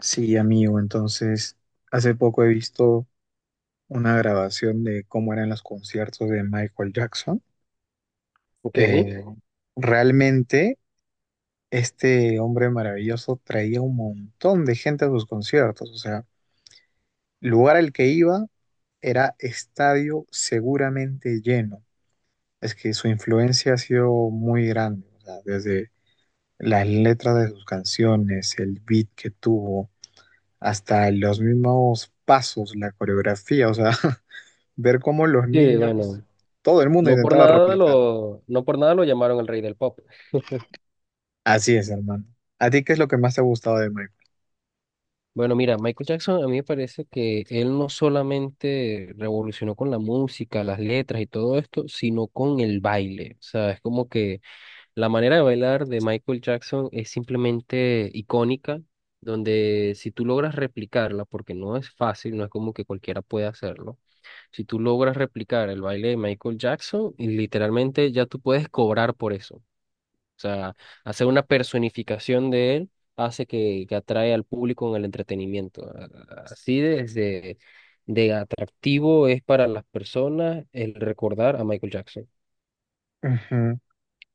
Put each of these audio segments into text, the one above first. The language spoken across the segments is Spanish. Sí, amigo, entonces hace poco he visto una grabación de cómo eran los conciertos de Michael Jackson. Ok. Eh, realmente este hombre maravilloso traía un montón de gente a sus conciertos, o sea, lugar al que iba era estadio seguramente lleno. Es que su influencia ha sido muy grande, o sea, desde las letras de sus canciones, el beat que tuvo, hasta los mismos pasos, la coreografía, o sea. Ver cómo los Sí, niños, bueno, todo el mundo no por intentaba nada replicar. lo, no por nada lo llamaron el rey del pop. Así es, hermano. ¿A ti qué es lo que más te ha gustado de Minecraft? Bueno, mira, Michael Jackson a mí me parece que él no solamente revolucionó con la música, las letras y todo esto, sino con el baile. O sea, es como que la manera de bailar de Michael Jackson es simplemente icónica, donde si tú logras replicarla, porque no es fácil, no es como que cualquiera puede hacerlo. Si tú logras replicar el baile de Michael Jackson, y literalmente ya tú puedes cobrar por eso. O sea, hacer una personificación de él hace que atrae al público en el entretenimiento. Así desde de atractivo es para las personas el recordar a Michael Jackson. Ujú.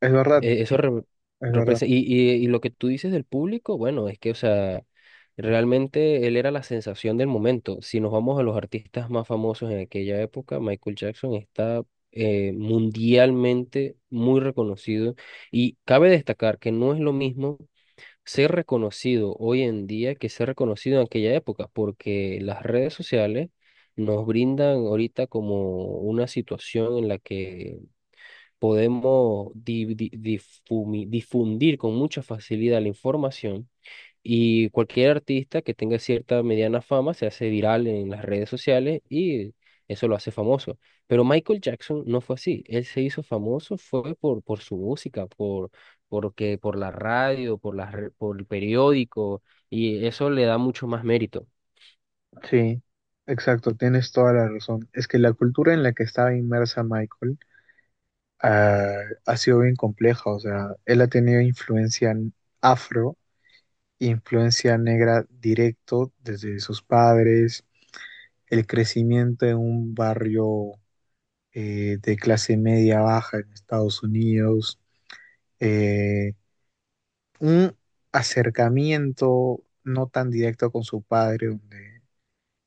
Es verdad, Eso es verdad. representa, y lo que tú dices del público, bueno, es que, o sea, realmente él era la sensación del momento. Si nos vamos a los artistas más famosos en aquella época, Michael Jackson está mundialmente muy reconocido. Y cabe destacar que no es lo mismo ser reconocido hoy en día que ser reconocido en aquella época, porque las redes sociales nos brindan ahorita como una situación en la que podemos difundir con mucha facilidad la información y cualquier artista que tenga cierta mediana fama se hace viral en las redes sociales y eso lo hace famoso. Pero Michael Jackson no fue así. Él se hizo famoso fue por su música, por la radio, por el periódico, y eso le da mucho más mérito. Sí, exacto, tienes toda la razón. Es que la cultura en la que estaba inmersa Michael ah, ha sido bien compleja. O sea, él ha tenido influencia afro, influencia negra directo desde sus padres, el crecimiento en un barrio de clase media baja en Estados Unidos. Eh, un acercamiento no tan directo con su padre, donde,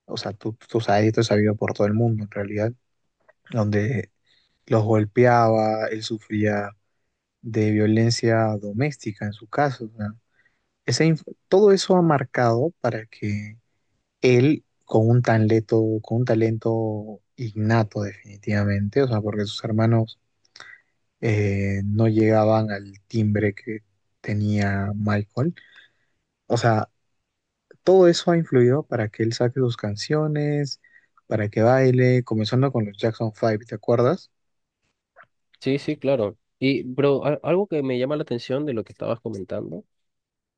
o sea, tú sabes, esto es sabido por todo el mundo en realidad, donde los golpeaba, él sufría de violencia doméstica en su caso. O sea, todo eso ha marcado para que él, con un talento innato definitivamente, o sea, porque sus hermanos no llegaban al timbre que tenía Michael. O sea, todo eso ha influido para que él saque sus canciones, para que baile, comenzando con los Jackson Five, ¿te acuerdas? Sí, sí, claro. Y, pero algo que me llama la atención de lo que estabas comentando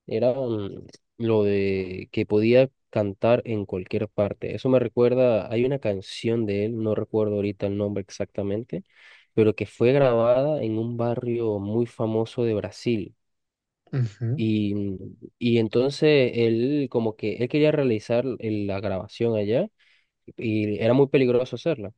era lo de que podía cantar en cualquier parte. Eso me recuerda, hay una canción de él, no recuerdo ahorita el nombre exactamente, pero que fue grabada en un barrio muy famoso de Brasil. Ujú, Y, y entonces él como que él quería realizar la grabación allá y era muy peligroso hacerla.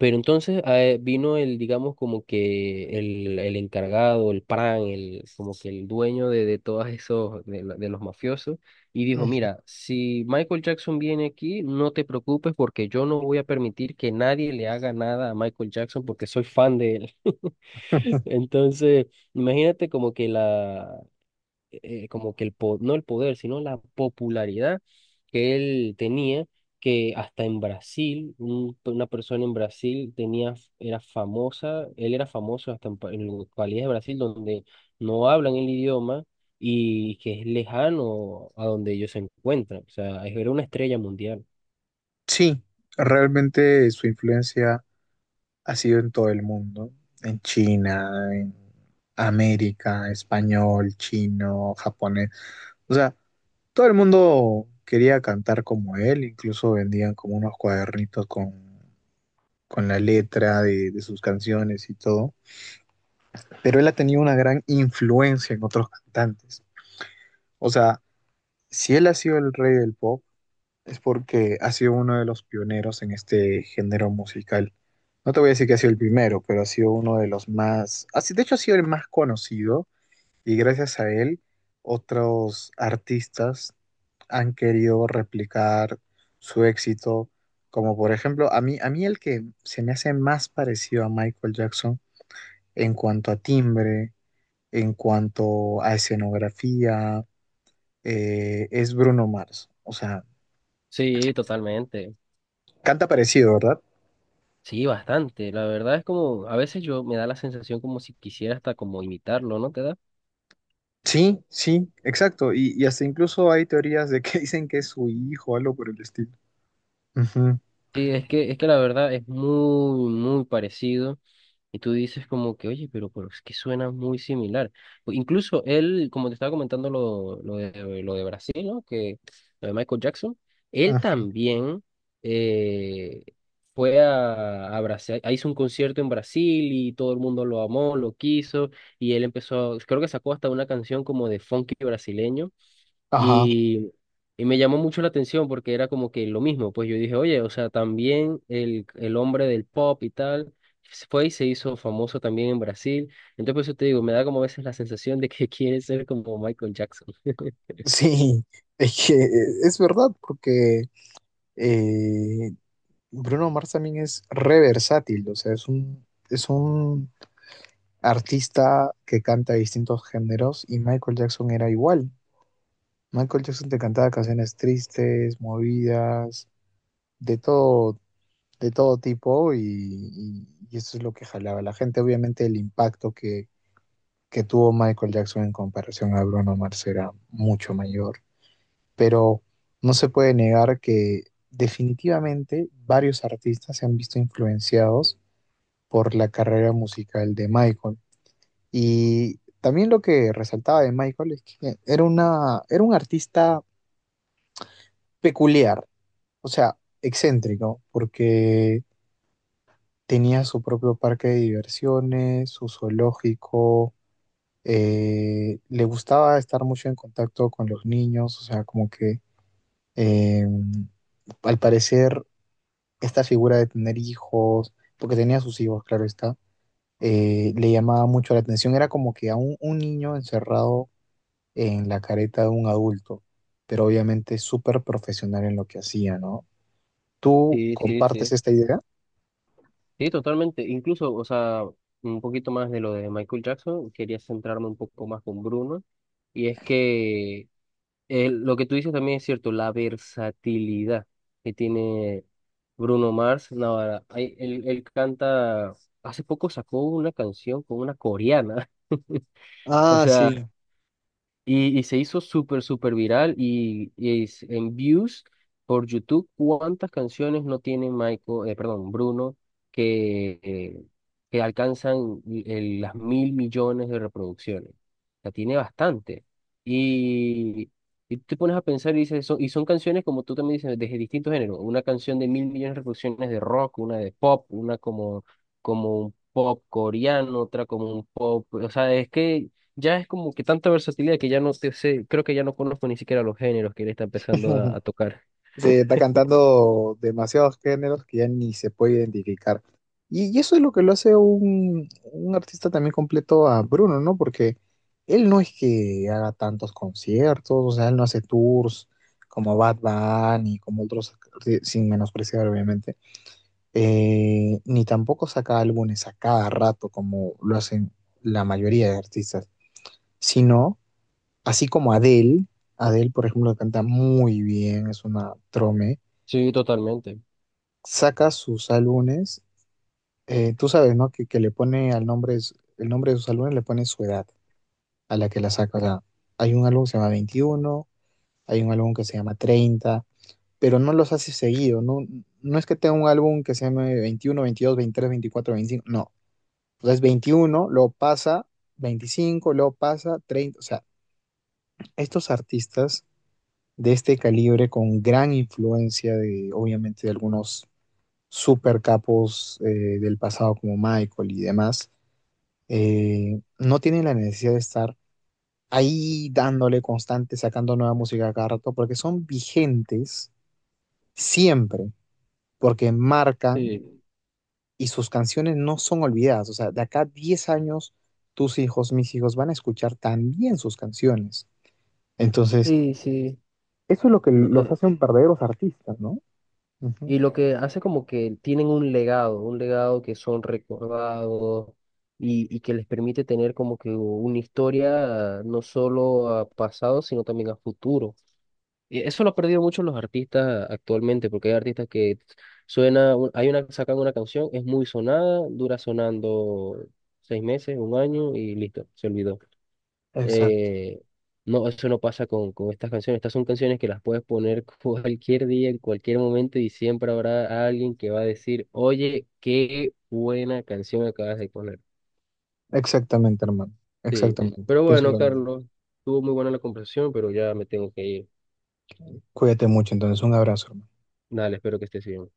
Pero entonces vino el, digamos, como que el encargado, el PRAN, el, como que el dueño de todos esos, de los mafiosos, y dijo, ujú. mira, si Michael Jackson viene aquí, no te preocupes porque yo no voy a permitir que nadie le haga nada a Michael Jackson porque soy fan de él. Entonces, imagínate como que la, como que el po- no el poder, sino la popularidad que él tenía, que hasta en Brasil, una persona en Brasil tenía, era famosa, él era famoso hasta en, en localidades de Brasil donde no hablan el idioma y que es lejano a donde ellos se encuentran. O sea, era una estrella mundial. Sí, realmente su influencia ha sido en todo el mundo, en China, en América, español, chino, japonés. O sea, todo el mundo quería cantar como él, incluso vendían como unos cuadernitos con la letra de sus canciones y todo. Pero él ha tenido una gran influencia en otros cantantes. O sea, si él ha sido el rey del pop, es porque ha sido uno de los pioneros en este género musical. No te voy a decir que ha sido el primero, pero ha sido uno de los más, ha si- de hecho ha sido el más conocido y gracias a él otros artistas han querido replicar su éxito, como por ejemplo, a mí el que se me hace más parecido a Michael Jackson en cuanto a timbre, en cuanto a escenografía, es Bruno Mars. O sea, Sí, totalmente. canta parecido, ¿verdad? Sí, bastante. La verdad es como, a veces yo me da la sensación como si quisiera hasta como imitarlo, ¿no te da? Sí, sí, exacto. Y hasta incluso hay teorías de que dicen que es su hijo, algo por el estilo. Ujú. Sí, es que la verdad es muy, muy parecido. Y tú dices como que, oye, pero es que suena muy similar. O incluso él, como te estaba comentando lo de Brasil, ¿no? Que lo de Michael Jackson, él Ah. también eh, fue a Brasil, ah, hizo un concierto en Brasil y todo el mundo lo amó, lo quiso. Y él empezó, creo que sacó hasta una canción como de funky brasileño. Ajá. Y, y me llamó mucho la atención porque era como que lo mismo, pues yo dije, oye, o sea, también el hombre del pop y tal se fue y se hizo famoso también en Brasil. Entonces, por eso te digo, me da como a veces la sensación de que quiere ser como Michael Jackson. Sí, es que es verdad, porque eh, Bruno Mars también es re versátil, o sea, es un artista que canta distintos géneros y Michael Jackson era igual. Michael Jackson te cantaba canciones tristes, movidas, de todo, de todo tipo y eso es lo que jalaba a la gente. Obviamente el impacto que tuvo Michael Jackson en comparación a Bruno Mars era mucho mayor, pero no se puede negar que definitivamente varios artistas se han visto influenciados por la carrera musical de Michael. Y también lo que resaltaba de Michael es que era un artista peculiar, o sea, excéntrico, porque tenía su propio parque de diversiones, su zoológico, le gustaba estar mucho en contacto con los niños, o sea, como que eh, al parecer esta figura de tener hijos, porque tenía sus hijos, claro está, le llamaba mucho la atención, era como que un niño encerrado en la careta de un adulto, pero obviamente súper profesional en lo que hacía, ¿no? ¿Tú, sí, Sí, sí, compartes sí. esta idea? Sí, totalmente. Incluso, o sea, un poquito más de lo de Michael Jackson, quería centrarme un poco más con Bruno. Y es que lo que tú dices también es cierto, la versatilidad que tiene Bruno Mars. No, ahora, ay, él canta, hace poco sacó una canción con una coreana. O Ah, sea, sí. Y se hizo súper, súper viral y, en views por YouTube, ¿cuántas canciones no tiene Bruno, que, eh, que alcanzan las mil millones de reproducciones? O sea, tiene bastante. Y, y tú te pones a pensar y dices, son canciones, como tú también dices, de distintos géneros. Una canción de mil millones de reproducciones de rock, una de pop, una como, como un pop coreano, otra como un pop. O sea, es que ya es como que tanta versatilidad que ya no te sé, creo que ya no conozco ni siquiera los géneros que él está empezando a tocar. Sí, está cantando demasiados géneros que ya ni se puede identificar. Y eso es lo que lo hace un artista también completo a Bruno, ¿no? Porque él no es que haga tantos conciertos, o sea, él no hace tours como Bad Bunny, como otros, sin menospreciar, obviamente. Ni tampoco saca álbumes a cada rato como lo hacen la mayoría de artistas, sino así como Adele. Adele, por ejemplo, canta muy bien, es una trome, Sí, totalmente. saca sus álbumes. Tú sabes, ¿no? Que le pone al nombre, el nombre de sus álbumes le pone su edad a la que la saca. O sea, hay un álbum que se llama 21, hay un álbum que se llama 30, pero no los hace seguido, no, no es que tenga un álbum que se llame 21, 22, 23, 24, 25, no. O sea, es 21, luego pasa 25, luego pasa 30, o sea, estos artistas de este calibre con gran influencia de, obviamente, de algunos super capos del pasado como Michael y demás, no tienen la necesidad de estar ahí dándole constante, sacando nueva música cada rato, porque son vigentes siempre, porque marcan Sí, y sus canciones no son olvidadas. O sea, de acá a 10 años, tus hijos, mis hijos van a escuchar también sus canciones. Entonces, sí, sí. eso es lo que No, los hacen verdaderos artistas, ¿no? Ujú. y lo que hace como que tienen un legado que son recordados y que les permite tener como que una historia no solo a pasado, sino también a futuro. Y eso lo ha perdido mucho los artistas actualmente, porque hay artistas que suena, sacan una canción, es muy sonada, dura sonando seis meses, un año y listo, se olvidó. Exacto. Eh, no, eso no pasa con estas canciones. Estas son canciones que las puedes poner cualquier día, en cualquier momento, y siempre habrá alguien que va a decir, oye, qué buena canción acabas de poner. Exactamente, hermano. Sí. Exactamente. Pero Pienso bueno, lo mismo. Carlos, estuvo muy buena la conversación, pero ya me tengo que ir. Cuídate mucho, entonces. Un abrazo, hermano. Dale, espero que estés bien.